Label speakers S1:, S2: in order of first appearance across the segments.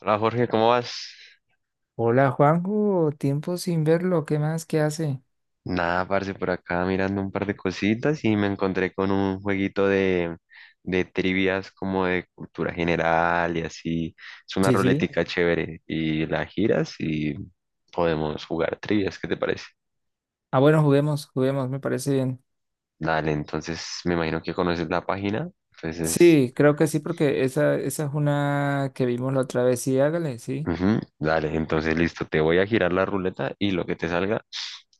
S1: Hola Jorge, ¿cómo vas?
S2: Hola Juanjo, tiempo sin verlo, ¿qué más? ¿Qué hace?
S1: Nada, parce, por acá mirando un par de cositas y me encontré con un jueguito de trivias como de cultura general y así. Es una
S2: Sí, sí.
S1: ruletica chévere y la giras y podemos jugar trivias, ¿qué te parece?
S2: Ah, bueno, juguemos, juguemos, me parece bien.
S1: Dale, entonces me imagino que conoces la página. Entonces,
S2: Sí, creo que sí, porque esa es una que vimos la otra vez. Sí, hágale, sí.
S1: ujú, dale, entonces listo, te voy a girar la ruleta y lo que te salga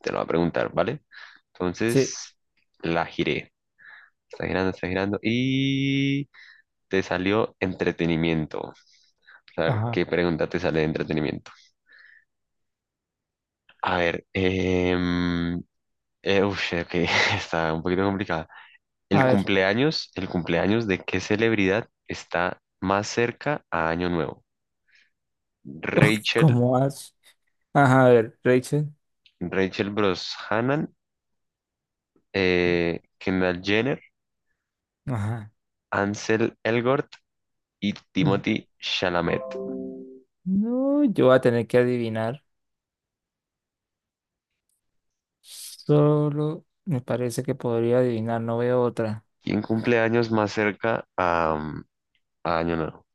S1: te lo va a preguntar, ¿vale?
S2: Sí,
S1: Entonces, la giré. Está girando y te salió entretenimiento. O sea,
S2: ajá.
S1: ¿qué pregunta te sale de entretenimiento? A ver, ush, ok, está un poquito complicada. El
S2: A ver,
S1: cumpleaños, el cumpleaños de qué celebridad está más cerca a Año Nuevo? Rachel,
S2: ¿cómo vas? Ajá, a ver, Rachel.
S1: Rachel Brosnahan, Kendall Jenner,
S2: Ajá.
S1: Ansel Elgort y
S2: Mm.
S1: Timothy Chalamet.
S2: No, yo voy a tener que adivinar. Solo me parece que podría adivinar, no veo otra.
S1: ¿Quién cumple años más cerca a Año Nuevo?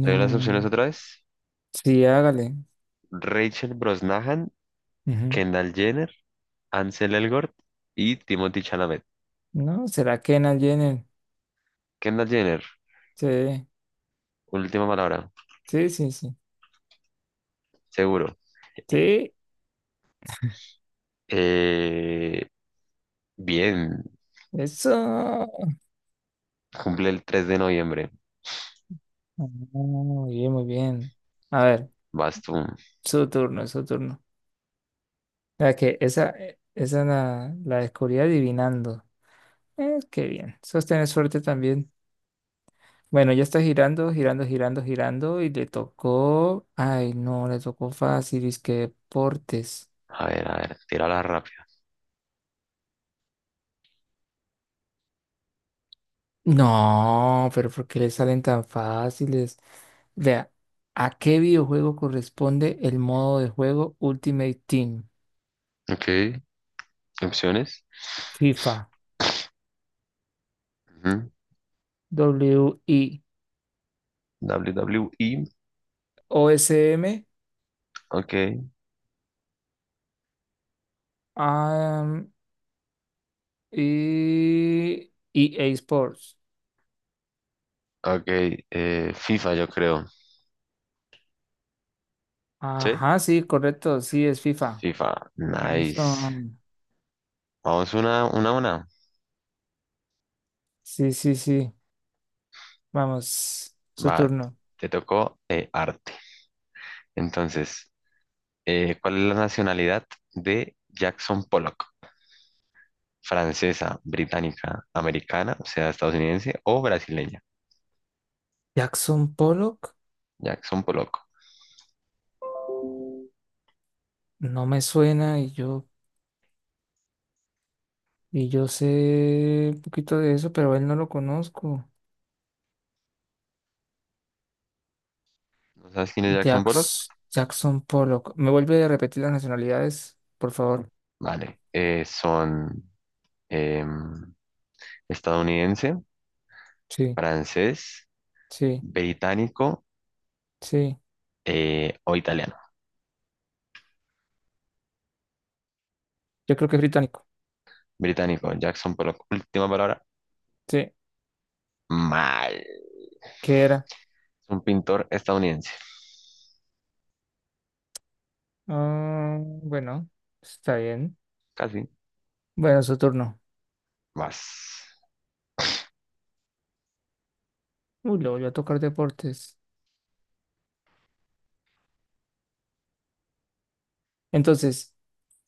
S1: Te doy las opciones otra vez.
S2: Sí, hágale.
S1: Rachel Brosnahan,
S2: Ujú.
S1: Kendall Jenner, Ansel Elgort y Timothy Chalamet.
S2: No, ¿será que en Jenner?
S1: Kendall Jenner,
S2: Sí,
S1: última palabra,
S2: sí, sí, sí.
S1: seguro.
S2: Sí,
S1: Eh, Bien,
S2: eso. Ah,
S1: cumple el 3 de noviembre.
S2: muy bien, muy bien. A ver,
S1: Vas tú.
S2: su turno, su turno. La que esa, esa la descubrí adivinando. Qué bien. Sostener suerte también. Bueno, ya está girando, girando, girando, girando y le tocó. Ay, no, le tocó fácil. Es que deportes.
S1: A ver, tírala rápido.
S2: No, pero ¿por qué le salen tan fáciles? Vea, ¿a qué videojuego corresponde el modo de juego Ultimate Team?
S1: Ok, opciones.
S2: FIFA.
S1: Ujú,
S2: W i
S1: WWE.
S2: o s m
S1: Ok,
S2: am, y EA Sports.
S1: ok. FIFA, yo creo. ¿Sí?
S2: Ajá, sí, correcto, sí, es FIFA.
S1: FIFA, nice.
S2: Eso,
S1: Vamos una, a una.
S2: sí, sí, sí. Vamos, su
S1: Va,
S2: turno.
S1: te tocó arte. Entonces, ¿cuál es la nacionalidad de Jackson Pollock? ¿Francesa, británica, americana, o sea, estadounidense o brasileña?
S2: Jackson Pollock,
S1: Jackson Pollock.
S2: no me suena, y yo sé un poquito de eso, pero a él no lo conozco.
S1: ¿No sabes quién es Jackson Pollock?
S2: Jackson Pollock. ¿Me vuelve a repetir las nacionalidades, por favor?
S1: Vale. Son em, estadounidense,
S2: Sí,
S1: francés,
S2: sí,
S1: británico
S2: sí.
S1: o italiano.
S2: Yo creo que es británico.
S1: Británico, Jackson Pollock. Última palabra,
S2: Sí,
S1: mal.
S2: ¿qué era?
S1: Es un pintor estadounidense.
S2: Ah, bueno, está bien.
S1: Casi.
S2: Bueno, su turno.
S1: Vas.
S2: Uy, le voy a tocar deportes. Entonces,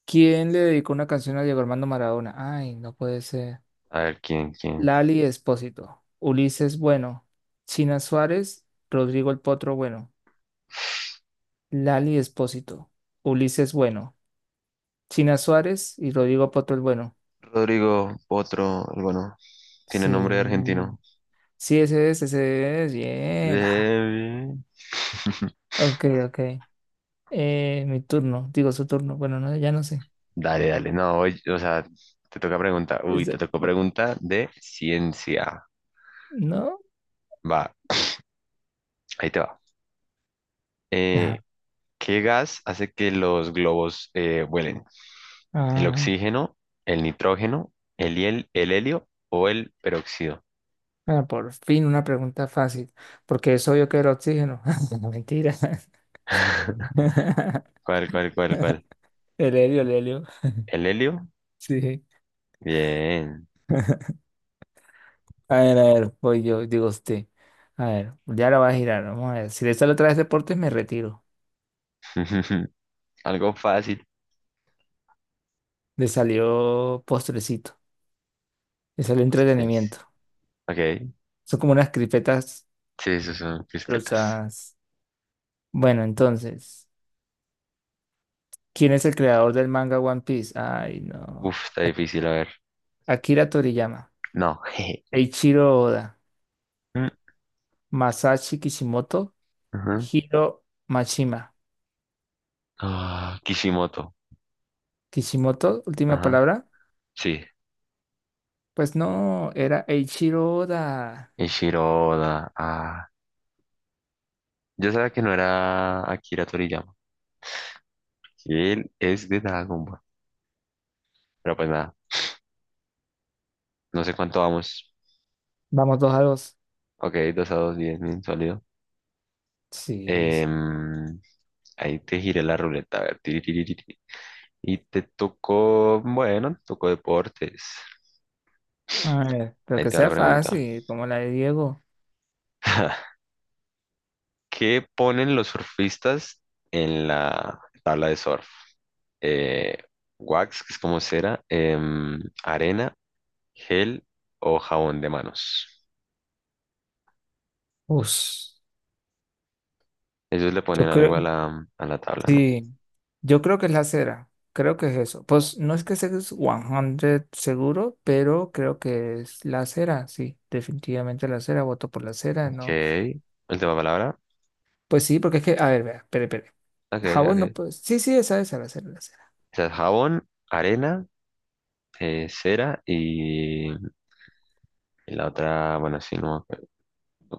S2: ¿quién le dedicó una canción a Diego Armando Maradona? Ay, no puede ser.
S1: A ver quién, quién.
S2: Lali Espósito, Ulises Bueno, China Suárez, Rodrigo el Potro Bueno. Lali Espósito, Ulises Bueno, China Suárez y Rodrigo Potro el Bueno.
S1: Rodrigo Potro, el bueno. Tiene
S2: Sí,
S1: nombre de argentino.
S2: sí, ese es, bien. Ah,
S1: Levi.
S2: ok, ok. Mi turno, digo su turno. Bueno, no, ya no sé.
S1: Dale, dale. No, oye, o sea, te toca pregunta. Uy, te tocó pregunta de ciencia.
S2: ¿No?
S1: Va, ahí te va.
S2: Ajá.
S1: Eh, ¿Qué gas hace que los globos vuelen? ¿El
S2: Ay,
S1: oxígeno, el nitrógeno, el helio o el peróxido?
S2: bueno, por fin una pregunta fácil, porque es obvio que era oxígeno. No, mentira.
S1: ¿Cuál?
S2: El helio, el helio.
S1: ¿El helio?
S2: Sí.
S1: Bien.
S2: A ver, voy yo, digo usted. A ver, ya la va a girar, vamos a ver. Si le sale otra vez deportes, me retiro.
S1: Algo fácil.
S2: Le salió postrecito, le salió
S1: Pues tres.
S2: entretenimiento.
S1: Ok.
S2: Son como unas cripetas
S1: Sí, esos son crispetas.
S2: rosas. Bueno, entonces, ¿quién es el creador del manga One Piece? Ay, no.
S1: Uf, está difícil, a ver.
S2: Akira Toriyama.
S1: No. jeje.
S2: Eiichiro Oda.
S1: Mm,
S2: Masashi Kishimoto,
S1: ujú.
S2: Hiro Mashima.
S1: Ah, Kishimoto.
S2: Kishimoto, última
S1: Ajá.
S2: palabra.
S1: Sí.
S2: Pues no, era Eiichiro Oda.
S1: Ishiroda. Ah. Yo sabía que no era Akira Toriyama. Que él es de Dragon Ball. Pero pues nada. No sé cuánto vamos.
S2: Vamos dos a dos.
S1: Ok, 2-2, 10, bien sólido.
S2: Sí. Sí.
S1: Em, Ahí te giré la ruleta. A ver. Tiri, tiri, tiri, tiri. Y te tocó. Bueno, te tocó deportes.
S2: A ver, pero
S1: Ahí
S2: que
S1: te va la
S2: sea
S1: pregunta.
S2: fácil, como la de Diego.
S1: ¿Qué ponen los surfistas en la tabla de surf? eh, wax, que es como cera, arena, gel o jabón de manos.
S2: Ush,
S1: Ellos le ponen
S2: yo creo,
S1: algo a la tabla, ¿no?
S2: sí, yo creo que es la cera. Creo que es eso. Pues no es que sea 100 seguro, pero creo que es la cera. Sí, definitivamente la cera. Voto por la cera,
S1: Ok.
S2: ¿no?
S1: Última palabra.
S2: Pues sí, porque es que, a ver, vea, espere, espere.
S1: Ok,
S2: Jabón no
S1: ok.
S2: puede. Sí, sí, esa, la cera, la cera.
S1: O sea, jabón, arena, cera y la otra, bueno, sí, no me acuerdo.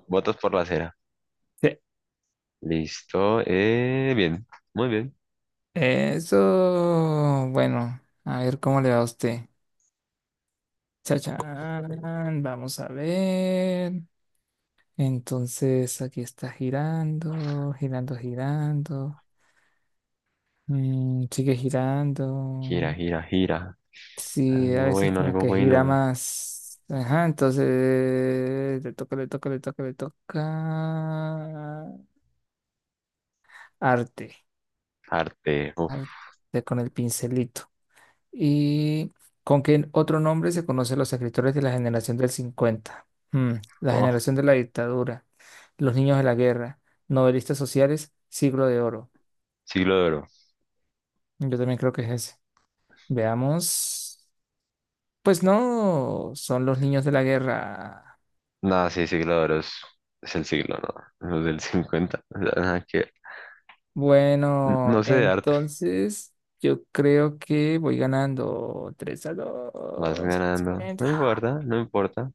S1: Votos por la cera.
S2: Sí.
S1: Listo. Bien, muy bien.
S2: Eso, bueno, a ver cómo le va a usted. Chachán, vamos a ver. Entonces, aquí está girando, girando, girando. Mm, sigue
S1: Gira,
S2: girando.
S1: gira, gira.
S2: Sí, a
S1: Algo
S2: veces
S1: bueno,
S2: como
S1: algo
S2: que gira
S1: bueno.
S2: más. Ajá, entonces le toca, le toca, le toca, le toca. Arte.
S1: Arte. Uf,
S2: Arte con el pincelito. ¿Y con qué otro nombre se conocen los escritores de la generación del cincuenta? Mm. La
S1: oh,
S2: generación de la dictadura, los niños de la guerra, novelistas sociales, siglo de oro.
S1: siglo de oro.
S2: Yo también creo que es ese. Veamos. Pues no, son los niños de la guerra.
S1: No, sí, siglo de oro es el siglo, ¿no? Los del 50 o sea, nada que ver. N-
S2: Bueno,
S1: no sé de arte.
S2: entonces yo creo que voy ganando tres a
S1: Vas
S2: 2.
S1: ganando.
S2: Excelente.
S1: No
S2: Ah,
S1: importa, no importa.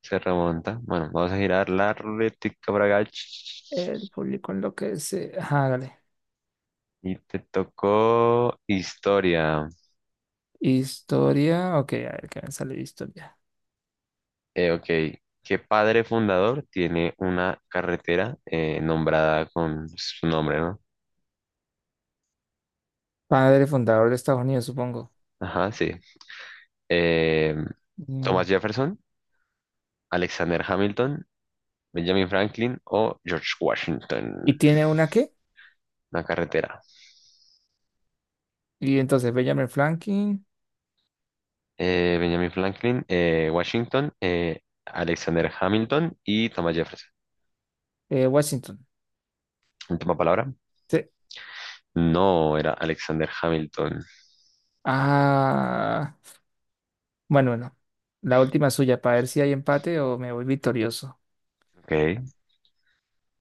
S1: Se remonta. Bueno, vamos a girar la ruletica para acá.
S2: el público enloquece. Hágale.
S1: Y te tocó historia.
S2: Historia, ok, a ver qué me sale de historia.
S1: Ok. ¿Qué padre fundador tiene una carretera nombrada con su nombre, ¿no?
S2: Padre fundador de Estados Unidos, supongo.
S1: Ajá, sí. Eh, Thomas
S2: Mm,
S1: Jefferson, Alexander Hamilton, Benjamin Franklin o George
S2: ¿y
S1: Washington.
S2: tiene una qué?
S1: Una carretera.
S2: Y entonces Benjamin Franklin,
S1: Benjamin Franklin, Washington, Alexander Hamilton y Thomas Jefferson.
S2: Washington.
S1: Última palabra.
S2: Sí.
S1: No, era Alexander Hamilton.
S2: Ah, bueno, bueno. La última suya, para ver si hay empate o me voy victorioso.
S1: Ok.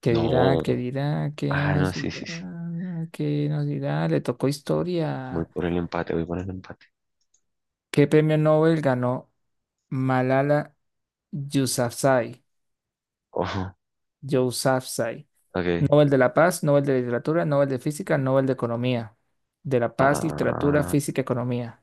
S2: ¿Qué dirá? ¿Qué
S1: No.
S2: dirá? ¿Qué
S1: Ah, no,
S2: nos
S1: sí, sí,
S2: dirá?
S1: sí.
S2: ¿Qué nos dirá? Le tocó
S1: Voy
S2: historia.
S1: por el empate, voy por el empate.
S2: ¿Qué premio Nobel ganó Malala Yousafzai?
S1: Ojo.
S2: Yousafzai.
S1: Ok.
S2: Nobel de la Paz, Nobel de Literatura, Nobel de Física, Nobel de Economía. De la Paz, Literatura,
S1: Ah,
S2: Física, Economía.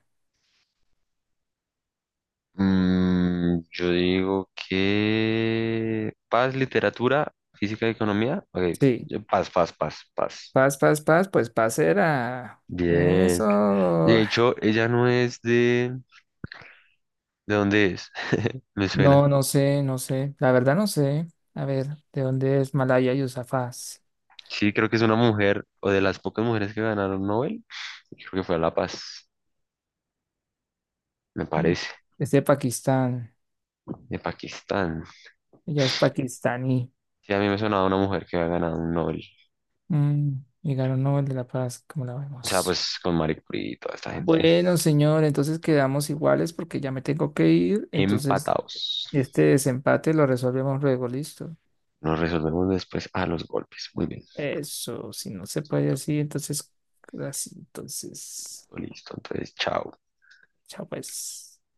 S1: mm, yo digo que paz, literatura, física y economía. Ok.
S2: Sí,
S1: Yo- paz, paz, paz, paz.
S2: paz, paz, paz, pues paz era.
S1: Bien.
S2: Eso.
S1: De hecho, ella no es de... ¿De dónde es? Me suena.
S2: No, no sé, no sé. La verdad no sé. A ver, ¿de dónde es Malaya Yousafzai?
S1: Sí, creo que es una mujer, o de las pocas mujeres que ganaron Nobel, y creo que fue a La Paz, me
S2: Mm,
S1: parece,
S2: es de Pakistán.
S1: de Pakistán.
S2: Ella es pakistaní.
S1: Sí, a mí me sonaba una mujer que había ganado un Nobel.
S2: Mm, y ganó Nobel de la Paz, como la
S1: O sea,
S2: vemos.
S1: pues con Marie Curie y toda esta gente.
S2: Bueno, señor, entonces quedamos iguales porque ya me tengo que ir. Entonces,
S1: Empatados.
S2: este desempate lo resolvemos luego, listo.
S1: Nos resolvemos después a los golpes. Muy bien.
S2: Eso, si no se puede así, entonces,
S1: Listo, entonces, chao.
S2: chao pues.